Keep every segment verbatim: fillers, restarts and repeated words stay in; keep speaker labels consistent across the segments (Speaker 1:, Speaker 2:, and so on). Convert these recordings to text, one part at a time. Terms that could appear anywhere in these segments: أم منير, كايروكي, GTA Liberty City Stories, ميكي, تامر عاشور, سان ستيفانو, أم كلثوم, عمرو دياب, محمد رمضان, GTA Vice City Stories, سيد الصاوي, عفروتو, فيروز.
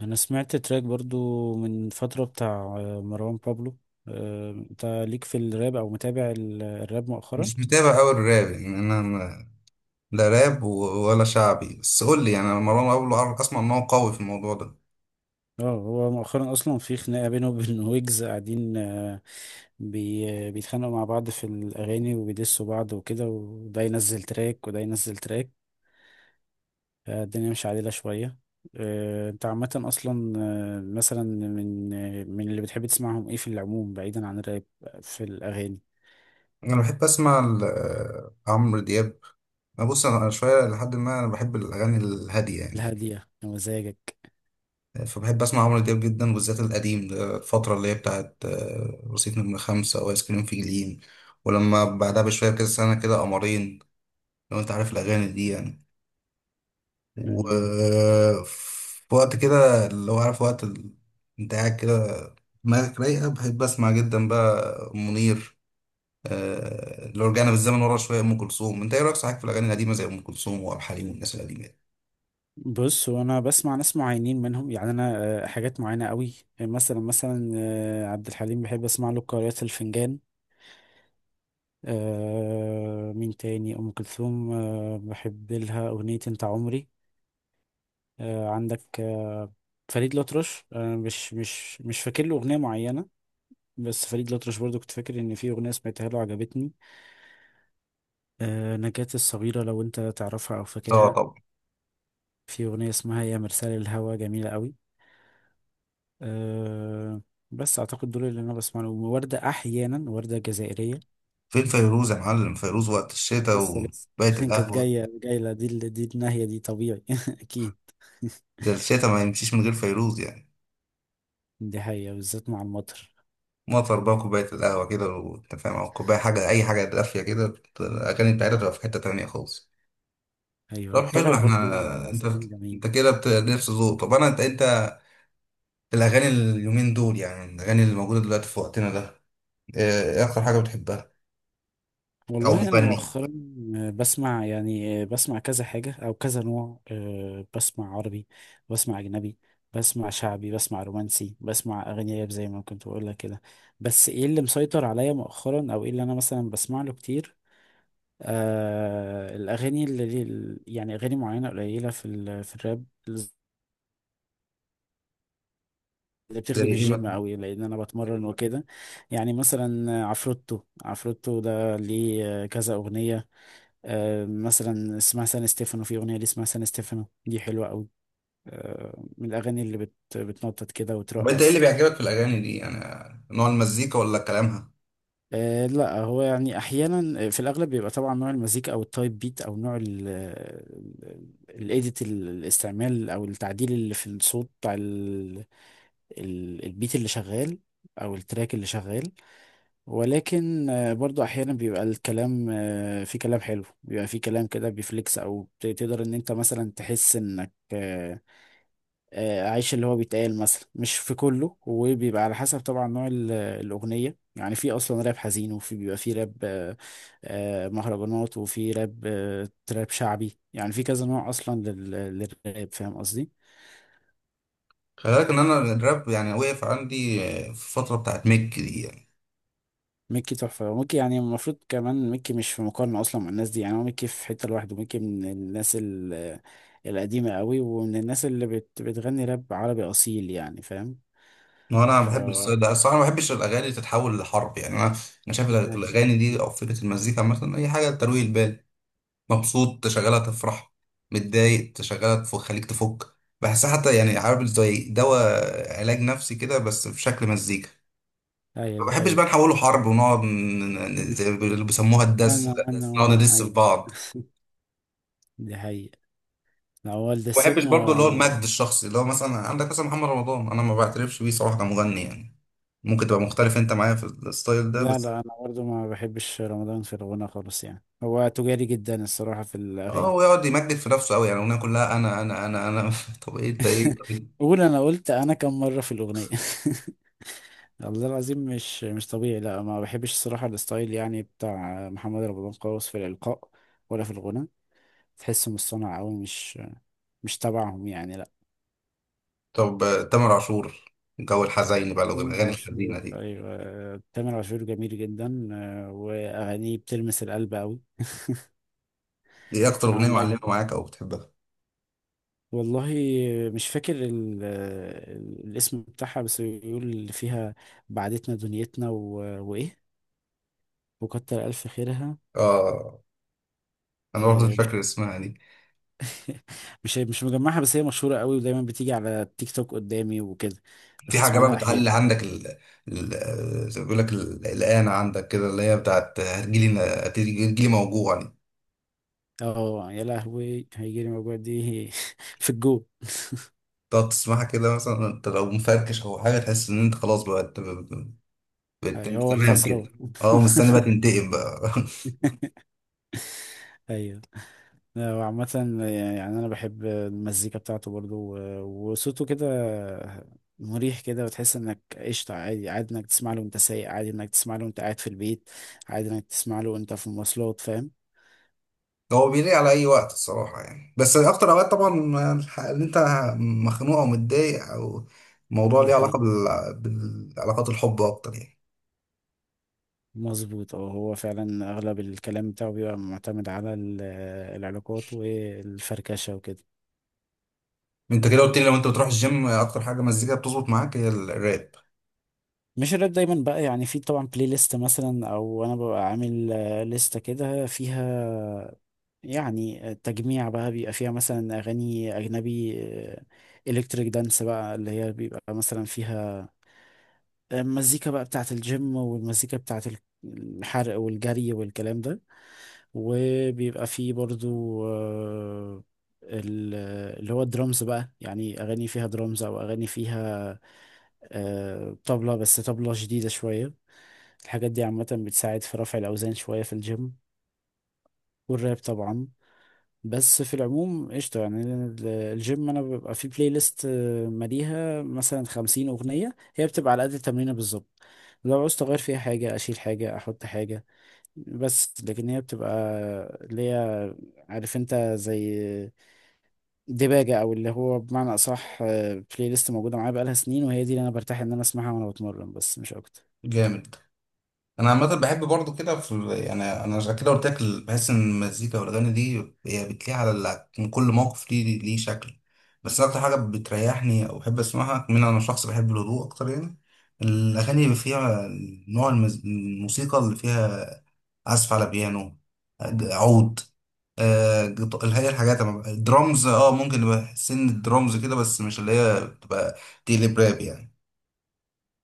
Speaker 1: انا سمعت تراك برضو من فترة بتاع آه، مروان بابلو. آه، انت ليك في الراب او متابع ال- الراب مؤخرا؟
Speaker 2: مش متابع أوي الراب يعني. أنا ما- لا راب و- ولا شعبي، بس قول لي يعني. أنا مروان بابلو أعرف- أسمع إن هو قوي في الموضوع ده.
Speaker 1: اه، هو مؤخرا اصلا في خناقة بينه وبين ويجز قاعدين. آه، بي آه، بيتخانقوا مع بعض في الاغاني وبيدسوا بعض وكده، وده ينزل تراك وده ينزل تراك. آه، الدنيا مش عادلة شوية. آه، انت عامة اصلا، آه، مثلا من آه، من اللي بتحب تسمعهم ايه في العموم بعيدا عن الراب، آه، في الاغاني؟
Speaker 2: أنا بحب أسمع ال- آه، عمرو دياب. أنا بص، أنا شوية لحد ما، أنا بحب الأغاني الهادية يعني.
Speaker 1: الهادية مزاجك.
Speaker 2: فبحب أسمع عمرو دياب جدا، بالذات القديم ده، الفترة اللي هي بتاعت آه، رصيد نمرة خمسة وآيس كريم في جليم، ولما بعدها بشوية كده سنة كده قمرين، لو أنت عارف الأغاني دي يعني. وفي وقت كده اللي هو عارف وقت ال- انت قاعد كده دماغك رايقة، بحب أسمع جدا بقى أم منير. آه، لو رجعنا بالزمن ورا شوية أم كلثوم، أنت إيه رأيك صحيح في الأغاني القديمة زي أم كلثوم وعبد الحليم والناس القديمة دي؟
Speaker 1: بص، هو انا بسمع ناس معينين منهم، يعني انا آه، حاجات معينه قوي. مثلا مثلا آه، عبد الحليم بحب اسمع له قارئة الفنجان. آه، مين تاني؟ ام كلثوم، آه، بحب لها اغنيه انت عمري. آه، عندك آه، فريد الأطرش آه، مش مش مش فاكر له اغنيه معينه. بس فريد الأطرش برضو كنت فاكر ان في اغنيه سمعتها له عجبتني. آه، نجاة الصغيره لو انت تعرفها او
Speaker 2: آه
Speaker 1: فاكرها،
Speaker 2: طبعا.
Speaker 1: في اغنيه اسمها يا مرسال الهوى جميله قوي. أه. بس اعتقد دول اللي انا بسمع لهم، وردة احيانا، وردة جزائرية.
Speaker 2: فين فيروز يا معلم؟ فيروز وقت الشتاء
Speaker 1: لسه لسه
Speaker 2: وكوباية
Speaker 1: كانت
Speaker 2: القهوة.
Speaker 1: جاية جاية، دي ال- دي الناحية دي طبيعي اكيد.
Speaker 2: ده الشتاء ما يمشيش من غير فيروز يعني.
Speaker 1: دي حقيقة بالذات مع المطر.
Speaker 2: مطر بقى، كوباية القهوة كده وأنت فاهم، أو كوباية حاجة، أي حاجة دافية كده، الأغاني بتاعتها تبقى في حتة تانية خالص.
Speaker 1: ايوه،
Speaker 2: طب حلو،
Speaker 1: الطبع برضو
Speaker 2: إحنا
Speaker 1: بتاع
Speaker 2: أنت
Speaker 1: زمان جميل.
Speaker 2: أنت كده بت- نفس ذوق. طب أنا، أنت أنت الأغاني اليومين دول يعني الأغاني اللي موجودة دلوقتي في وقتنا ده، إيه اكتر حاجه بتحبها او
Speaker 1: والله انا
Speaker 2: مغني؟
Speaker 1: مؤخرا آه، بسمع، يعني آه، بسمع كذا حاجة او كذا نوع. آه، بسمع عربي، بسمع اجنبي، بسمع شعبي، بسمع رومانسي، بسمع اغاني راب زي ما كنت بقول لك كده. بس ايه اللي مسيطر عليا مؤخرا؟ او ايه اللي انا مثلا بسمع له كتير؟ آه الأغاني اللي اللي- يعني أغاني معينة قليلة في ال... في الراب اللي
Speaker 2: زي
Speaker 1: بتخدم
Speaker 2: ايه
Speaker 1: الجيم
Speaker 2: مثلا؟
Speaker 1: قوي، لأن أنا بتمرن وكده. يعني مثلا عفروتو، عفروتو ده ليه كذا أغنية. آه مثلا اسمها سان ستيفانو، في أغنية ليه اسمها سان ستيفانو دي حلوة قوي. آه من الأغاني اللي بت... بتنطط كده
Speaker 2: طب انت ايه
Speaker 1: وترقص.
Speaker 2: اللي بيعجبك في الاغاني دي يعني، نوع المزيكا ولا كلامها؟
Speaker 1: آه لا، هو يعني احيانا، آه، في الاغلب بيبقى طبعا نوع المزيكا او التايب بيت، او نوع الايديت، الاستعمال او التعديل اللي في الصوت بتاع ال- ال- البيت اللي شغال او التراك اللي شغال. ولكن آه برضو احيانا بيبقى الكلام، آه في كلام حلو، بيبقى في كلام كده بيفليكس، او ت- تقدر ان انت مثلا تحس انك آه، آه، اعيش اللي هو بيتقال، مثلا مش في كله، وبيبقى على حسب طبعا نوع ال- الاغنيه. يعني في اصلا راب حزين، وفي بيبقى في راب آه، آه، مهرجانات، وفي راب آه، تراب شعبي. يعني في كذا نوع اصلا لل- للراب، فاهم قصدي.
Speaker 2: خلي بالك ان انا الراب يعني وقف عندي آه، في الفتره بتاعت ميك دي يعني.
Speaker 1: ميكي تحفه، وميكي يعني المفروض كمان ميكي مش في مقارنه اصلا مع الناس دي، يعني هو ميكي في حته لوحده. ميكي من الناس ال- القديمه قوي، ومن الناس اللي بت بتغني راب عربي اصيل، يعني فاهم.
Speaker 2: وانا
Speaker 1: ف
Speaker 2: بحب
Speaker 1: وانا،
Speaker 2: الستايل ده الصراحه، ما بحبش الاغاني تتحول لحرب يعني. انا انا شايف
Speaker 1: ايوه.
Speaker 2: الاغاني دي او فكره المزيكا مثلا اي حاجه ترويق البال. مبسوط تشغلها تفرح، متضايق تشغلها تخليك تفك. بحسها حتى يعني عارف، زي دواء علاج نفسي كده بس في شكل مزيكا.
Speaker 1: أيوة،
Speaker 2: ما
Speaker 1: دي
Speaker 2: بحبش بقى
Speaker 1: حقيقه.
Speaker 2: نحوله حرب ونقعد ن- ن- زي ما بيقولوا- بيسموها الدس
Speaker 1: وانا
Speaker 2: ده،
Speaker 1: وانا بس
Speaker 2: نقعد
Speaker 1: وانا،
Speaker 2: ندس في
Speaker 1: ايوه.
Speaker 2: بعض.
Speaker 1: دي حقيقة. هو
Speaker 2: ما بحبش
Speaker 1: الدسات
Speaker 2: برضه اللي هو المجد
Speaker 1: ما...
Speaker 2: الشخصي، اللي هو مثلا عندك مثلا محمد رمضان، انا ما بعترفش بيه صراحه كمغني يعني. ممكن تبقى مختلف انت معايا في الستايل ده
Speaker 1: لا لا،
Speaker 2: بس.
Speaker 1: أنا برضو ما بحبش رمضان في الغنى خالص. يعني هو تجاري جدا الصراحة في
Speaker 2: اه،
Speaker 1: الأغاني.
Speaker 2: هو يقعد يمجد في نفسه قوي، يعني الاغنيه كلها انا انا انا انا طب ايه انت ايه؟
Speaker 1: قول، أنا قلت أنا كم مرة في الأغنية؟ والله العظيم مش مش طبيعي. لا، ما بحبش الصراحة الستايل يعني بتاع محمد رمضان خالص، في الإلقاء ولا في الغنى. تحسه مصطنع أوي، مش مش تبعهم يعني، لا.
Speaker 2: طب آه، تامر عاشور، جو الحزين بقى لو
Speaker 1: تامر
Speaker 2: الاغاني
Speaker 1: عاشور،
Speaker 2: الحزينه دي،
Speaker 1: أيوة تامر عاشور جميل جدا، آه، وأغانيه بتلمس القلب أوي.
Speaker 2: ايه اكتر اغنيه
Speaker 1: عندك،
Speaker 2: معلمه معاك او بتحبها؟
Speaker 1: والله مش فاكر ال- الاسم بتاعها، بس بيقول اللي فيها: بعدتنا دنيتنا و... وايه؟ وكتر الف خيرها.
Speaker 2: اه، انا برضه
Speaker 1: آه،
Speaker 2: مش
Speaker 1: مش
Speaker 2: فاكر اسمها دي.
Speaker 1: مش مش مجمعها، بس هي مشهورة قوي، ودايما بتيجي على التيك توك قدامي وكده.
Speaker 2: في حاجة
Speaker 1: بسمع
Speaker 2: بقى
Speaker 1: لها احيانا.
Speaker 2: بتعلي عندك، ال... ال... زي ما بيقول لك، ال- الآن عندك كده اللي هي بتاعت هتجيلي هتجيلي موجوع يعني.
Speaker 1: اه يا لهوي، هيجيلي موجوع دي في الجو.
Speaker 2: تقعد تسمعها كده مثلا انت لو مفركش او حاجة، تحس ان انت خلاص بقى، انت بقيت
Speaker 1: أيوة،
Speaker 2: انت
Speaker 1: هو
Speaker 2: تمام
Speaker 1: الخسران.
Speaker 2: كده. اه، مستني بقى تنتقم بقى.
Speaker 1: ايوه. آه، وعامة، آه، يعني أنا بحب المزيكا بتاعته برضو، و- وصوته كده مريح كده، وتحس إنك قشطة. عادي عادي إنك تسمع له وأنت سايق، عادي إنك تسمع له وأنت قاعد في البيت، عادي إنك تسمع له وأنت في المواصلات، فاهم.
Speaker 2: هو بيليق على اي وقت الصراحة يعني، بس اكتر اوقات طبعا الح- اللي انت مخنوق او متضايق، او موضوع
Speaker 1: دي
Speaker 2: ليه علاقة
Speaker 1: حقيقة،
Speaker 2: بال... بالعلاقات، الحب اكتر يعني.
Speaker 1: مظبوط. اه هو فعلا أغلب الكلام بتاعه بيبقى معتمد على ال- العلاقات والفركشة وكده.
Speaker 2: انت كده قلت لي لو انت بتروح الجيم اكتر حاجة مزيكا بتظبط معاك هي الراب.
Speaker 1: مش الراب دايما بقى، يعني في طبعا بلاي ليست مثلا، او انا ببقى عامل آه، لستة كده فيها، يعني التجميع بقى، بيبقى فيها مثلا أغاني أجنبي، إلكتريك دانس، بقى اللي هي بيبقى مثلا فيها المزيكا بقى بتاعة الجيم، والمزيكا بتاعة ال- الحرق والجري والكلام ده. وبيبقى فيه برضو آه، ال- اللي هو الدرامز بقى، يعني أغاني فيها درامز، أو أغاني فيها آه، طبلة، بس طبلة جديدة شوية. الحاجات دي عامة بتساعد في رفع الأوزان شوية في الجيم، والراب طبعا. بس في العموم قشطة. يعني ال- الجيم أنا ببقى فيه بلاي ليست آه، ماليها مثلا خمسين أغنية، هي بتبقى على قد التمرينة بالظبط. لو عاوز أغير فيها حاجة، أشيل حاجة أحط حاجة. بس لكن هي بتبقى اللي هي، عارف أنت، زي دباجة. أو اللي هو بمعنى أصح، آه، بلاي ليست موجودة معايا بقالها سنين، وهي دي اللي أنا برتاح إن أنا أسمعها وأنا بتمرن، بس مش أكتر.
Speaker 2: جامد. انا عامه بحب برضو كده في ال- يعني انا عشان كده قلت لك ال- بحس ان المزيكا والاغاني دي هي بتليق على ال- من كل موقف ليه ليه شكل. بس أنا اكتر حاجه بتريحني او بحب اسمعها، من انا شخص بحب الهدوء اكتر يعني، الاغاني اللي فيها نوع المز... الموسيقى اللي فيها عزف على بيانو، ج- عود، آه، جط- اللي هي الحاجات أما- الدرامز، اه ممكن يبقى سن الدرامز كده بس مش اللي هي بتبقى تقلب راب يعني.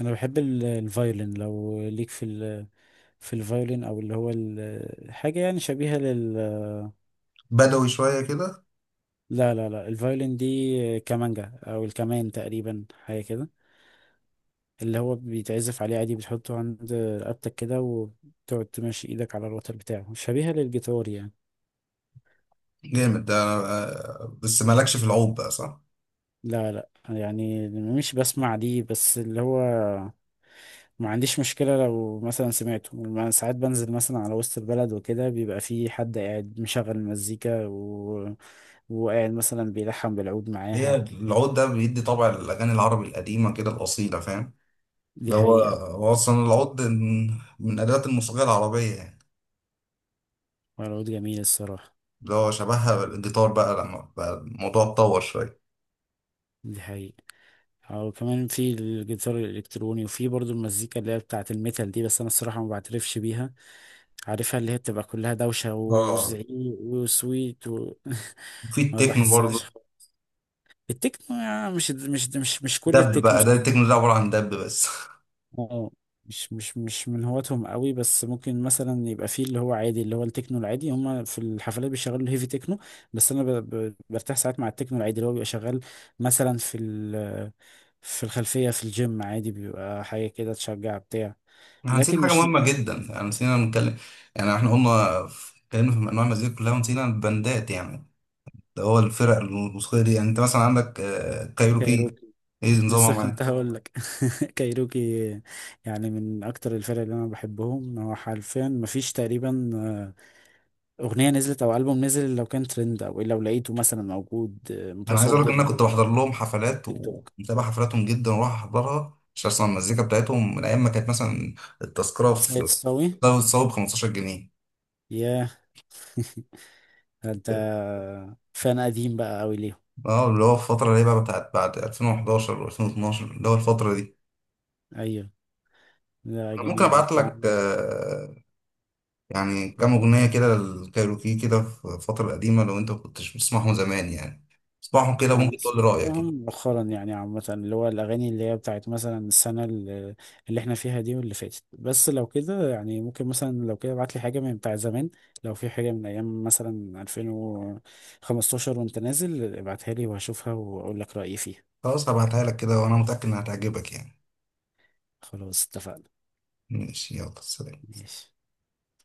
Speaker 1: أنا بحب ال- الفايولين، لو ليك في ال... في الفايولين، أو اللي هو ال- حاجة يعني شبيهة لل...
Speaker 2: بدوي شويه كده.
Speaker 1: لا لا لا، الفايولين دي كمانجا، او الكمان تقريبا، حاجه كده. اللي هو بيتعزف عليه عادي، بتحطه عند رقبتك كده، وتقعد تمشي ايدك على الوتر بتاعه، شبيهه للجيتار يعني.
Speaker 2: جامد ده، آه، بس مالكش في العود بقى صح؟
Speaker 1: لا لا، يعني مش بسمع دي، بس اللي هو ما عنديش مشكله. لو مثلا سمعته، ما- ساعات بنزل مثلا على وسط البلد وكده، بيبقى في حد قاعد مشغل مزيكا و... وقاعد مثلا بيلحن بالعود
Speaker 2: هي
Speaker 1: معاها.
Speaker 2: العود ده بيدي طبع الأغاني العربي القديمة كده الأصيلة فاهم؟
Speaker 1: دي
Speaker 2: ده هو
Speaker 1: حقيقه.
Speaker 2: هو أصلا العود من من أدوات الموسيقى العربية يعني.
Speaker 1: والعود جميل الصراحه.
Speaker 2: اللي هو شبهها الجيتار بقى لما بقى الموضوع اتطور شوية.
Speaker 1: دي حقيقه. او كمان في الجيتار الالكتروني، وفي برضو المزيكا اللي هي بتاعه الميتال دي، بس انا الصراحه ما بعترفش بيها. عارفها، اللي هي بتبقى كلها دوشه
Speaker 2: اه.
Speaker 1: وزعيق وسويت و...
Speaker 2: في
Speaker 1: ما
Speaker 2: التكنو
Speaker 1: بحسهاش.
Speaker 2: برضه،
Speaker 1: التكنو، يعني مش مش مش مش كل
Speaker 2: دب
Speaker 1: التكنو.
Speaker 2: بقى، ده التكنو ده عبارة عن دب بس
Speaker 1: اه، مش مش مش من هواتهم قوي، بس ممكن مثلا يبقى فيه اللي هو عادي، اللي هو التكنو العادي. هما في الحفلات بيشغلوا الهيفي تكنو. بس انا ب- ب- برتاح ساعات مع التكنو العادي اللي هو بيبقى شغال مثلا في ال... في الخلفية في الجيم. عادي بيبقى حاجة كده تشجع بتاع.
Speaker 2: احنا نسينا
Speaker 1: لكن
Speaker 2: حاجة
Speaker 1: مش من...
Speaker 2: مهمة جدا، يعني نسينا نتكلم يعني، احنا قلنا في- اتكلمنا في أنواع المزيكا كلها ونسينا البندات يعني. ده هو الفرق الموسيقية دي يعني، انت مثلا عندك آه، كايروكي،
Speaker 1: كايروكي.
Speaker 2: ايه نظامها
Speaker 1: لسه كنت
Speaker 2: معايا؟
Speaker 1: هقول لك. كايروكي يعني من اكتر الفرق اللي انا بحبهم. هو حرفيا مفيش تقريبا آه، اغنية نزلت او البوم نزل لو كان ترند، او لو لقيته مثلا موجود آه،
Speaker 2: انا عايز اقول لك ان انا
Speaker 1: متصدر.
Speaker 2: كنت بحضر لهم حفلات
Speaker 1: تيك توك.
Speaker 2: ومتابع حفلاتهم جدا، واروح احضرها عشان اسمع المزيكا بتاعتهم، من ايام ما كانت مثلا التذكرة
Speaker 1: سيد
Speaker 2: في
Speaker 1: الصاوي.
Speaker 2: ده بتساوي ب خمستاشر جنيه.
Speaker 1: ياه. ده انت فان قديم بقى قوي ليهم.
Speaker 2: اه، اللي هو الفترة اللي هي بقى بتاعت بعد ألفين وحداشر و2012، اللي هو الفترة دي.
Speaker 1: ايوه. لا
Speaker 2: انا ممكن
Speaker 1: جميل،
Speaker 2: ابعت
Speaker 1: انت
Speaker 2: لك
Speaker 1: عم-
Speaker 2: آه، يعني كام اغنية كده للكايروكي كده في الفترة القديمة، لو انت ما كنتش بتسمعهم زمان يعني، اسمعهم كده
Speaker 1: انا
Speaker 2: ممكن تقول لي رأيك.
Speaker 1: سمعتهم مؤخرا يعني عامة، اللي هو الأغاني اللي هي بتاعت مثلا السنة اللي, اللي احنا فيها دي، واللي فاتت، بس لو كده يعني ممكن، مثلا لو كده ابعت لي حاجة من بتاع زمان. لو في حاجة من أيام مثلا ألفين وخمسة عشر وأنت نازل ابعتها لي، وهشوفها وأقول لك رأيي فيها.
Speaker 2: خلاص، هبعتها لك كده وانا متأكد انها هتعجبك يعني.
Speaker 1: خلاص اتفقنا.
Speaker 2: ماشي، يلا سلام.
Speaker 1: ماشي.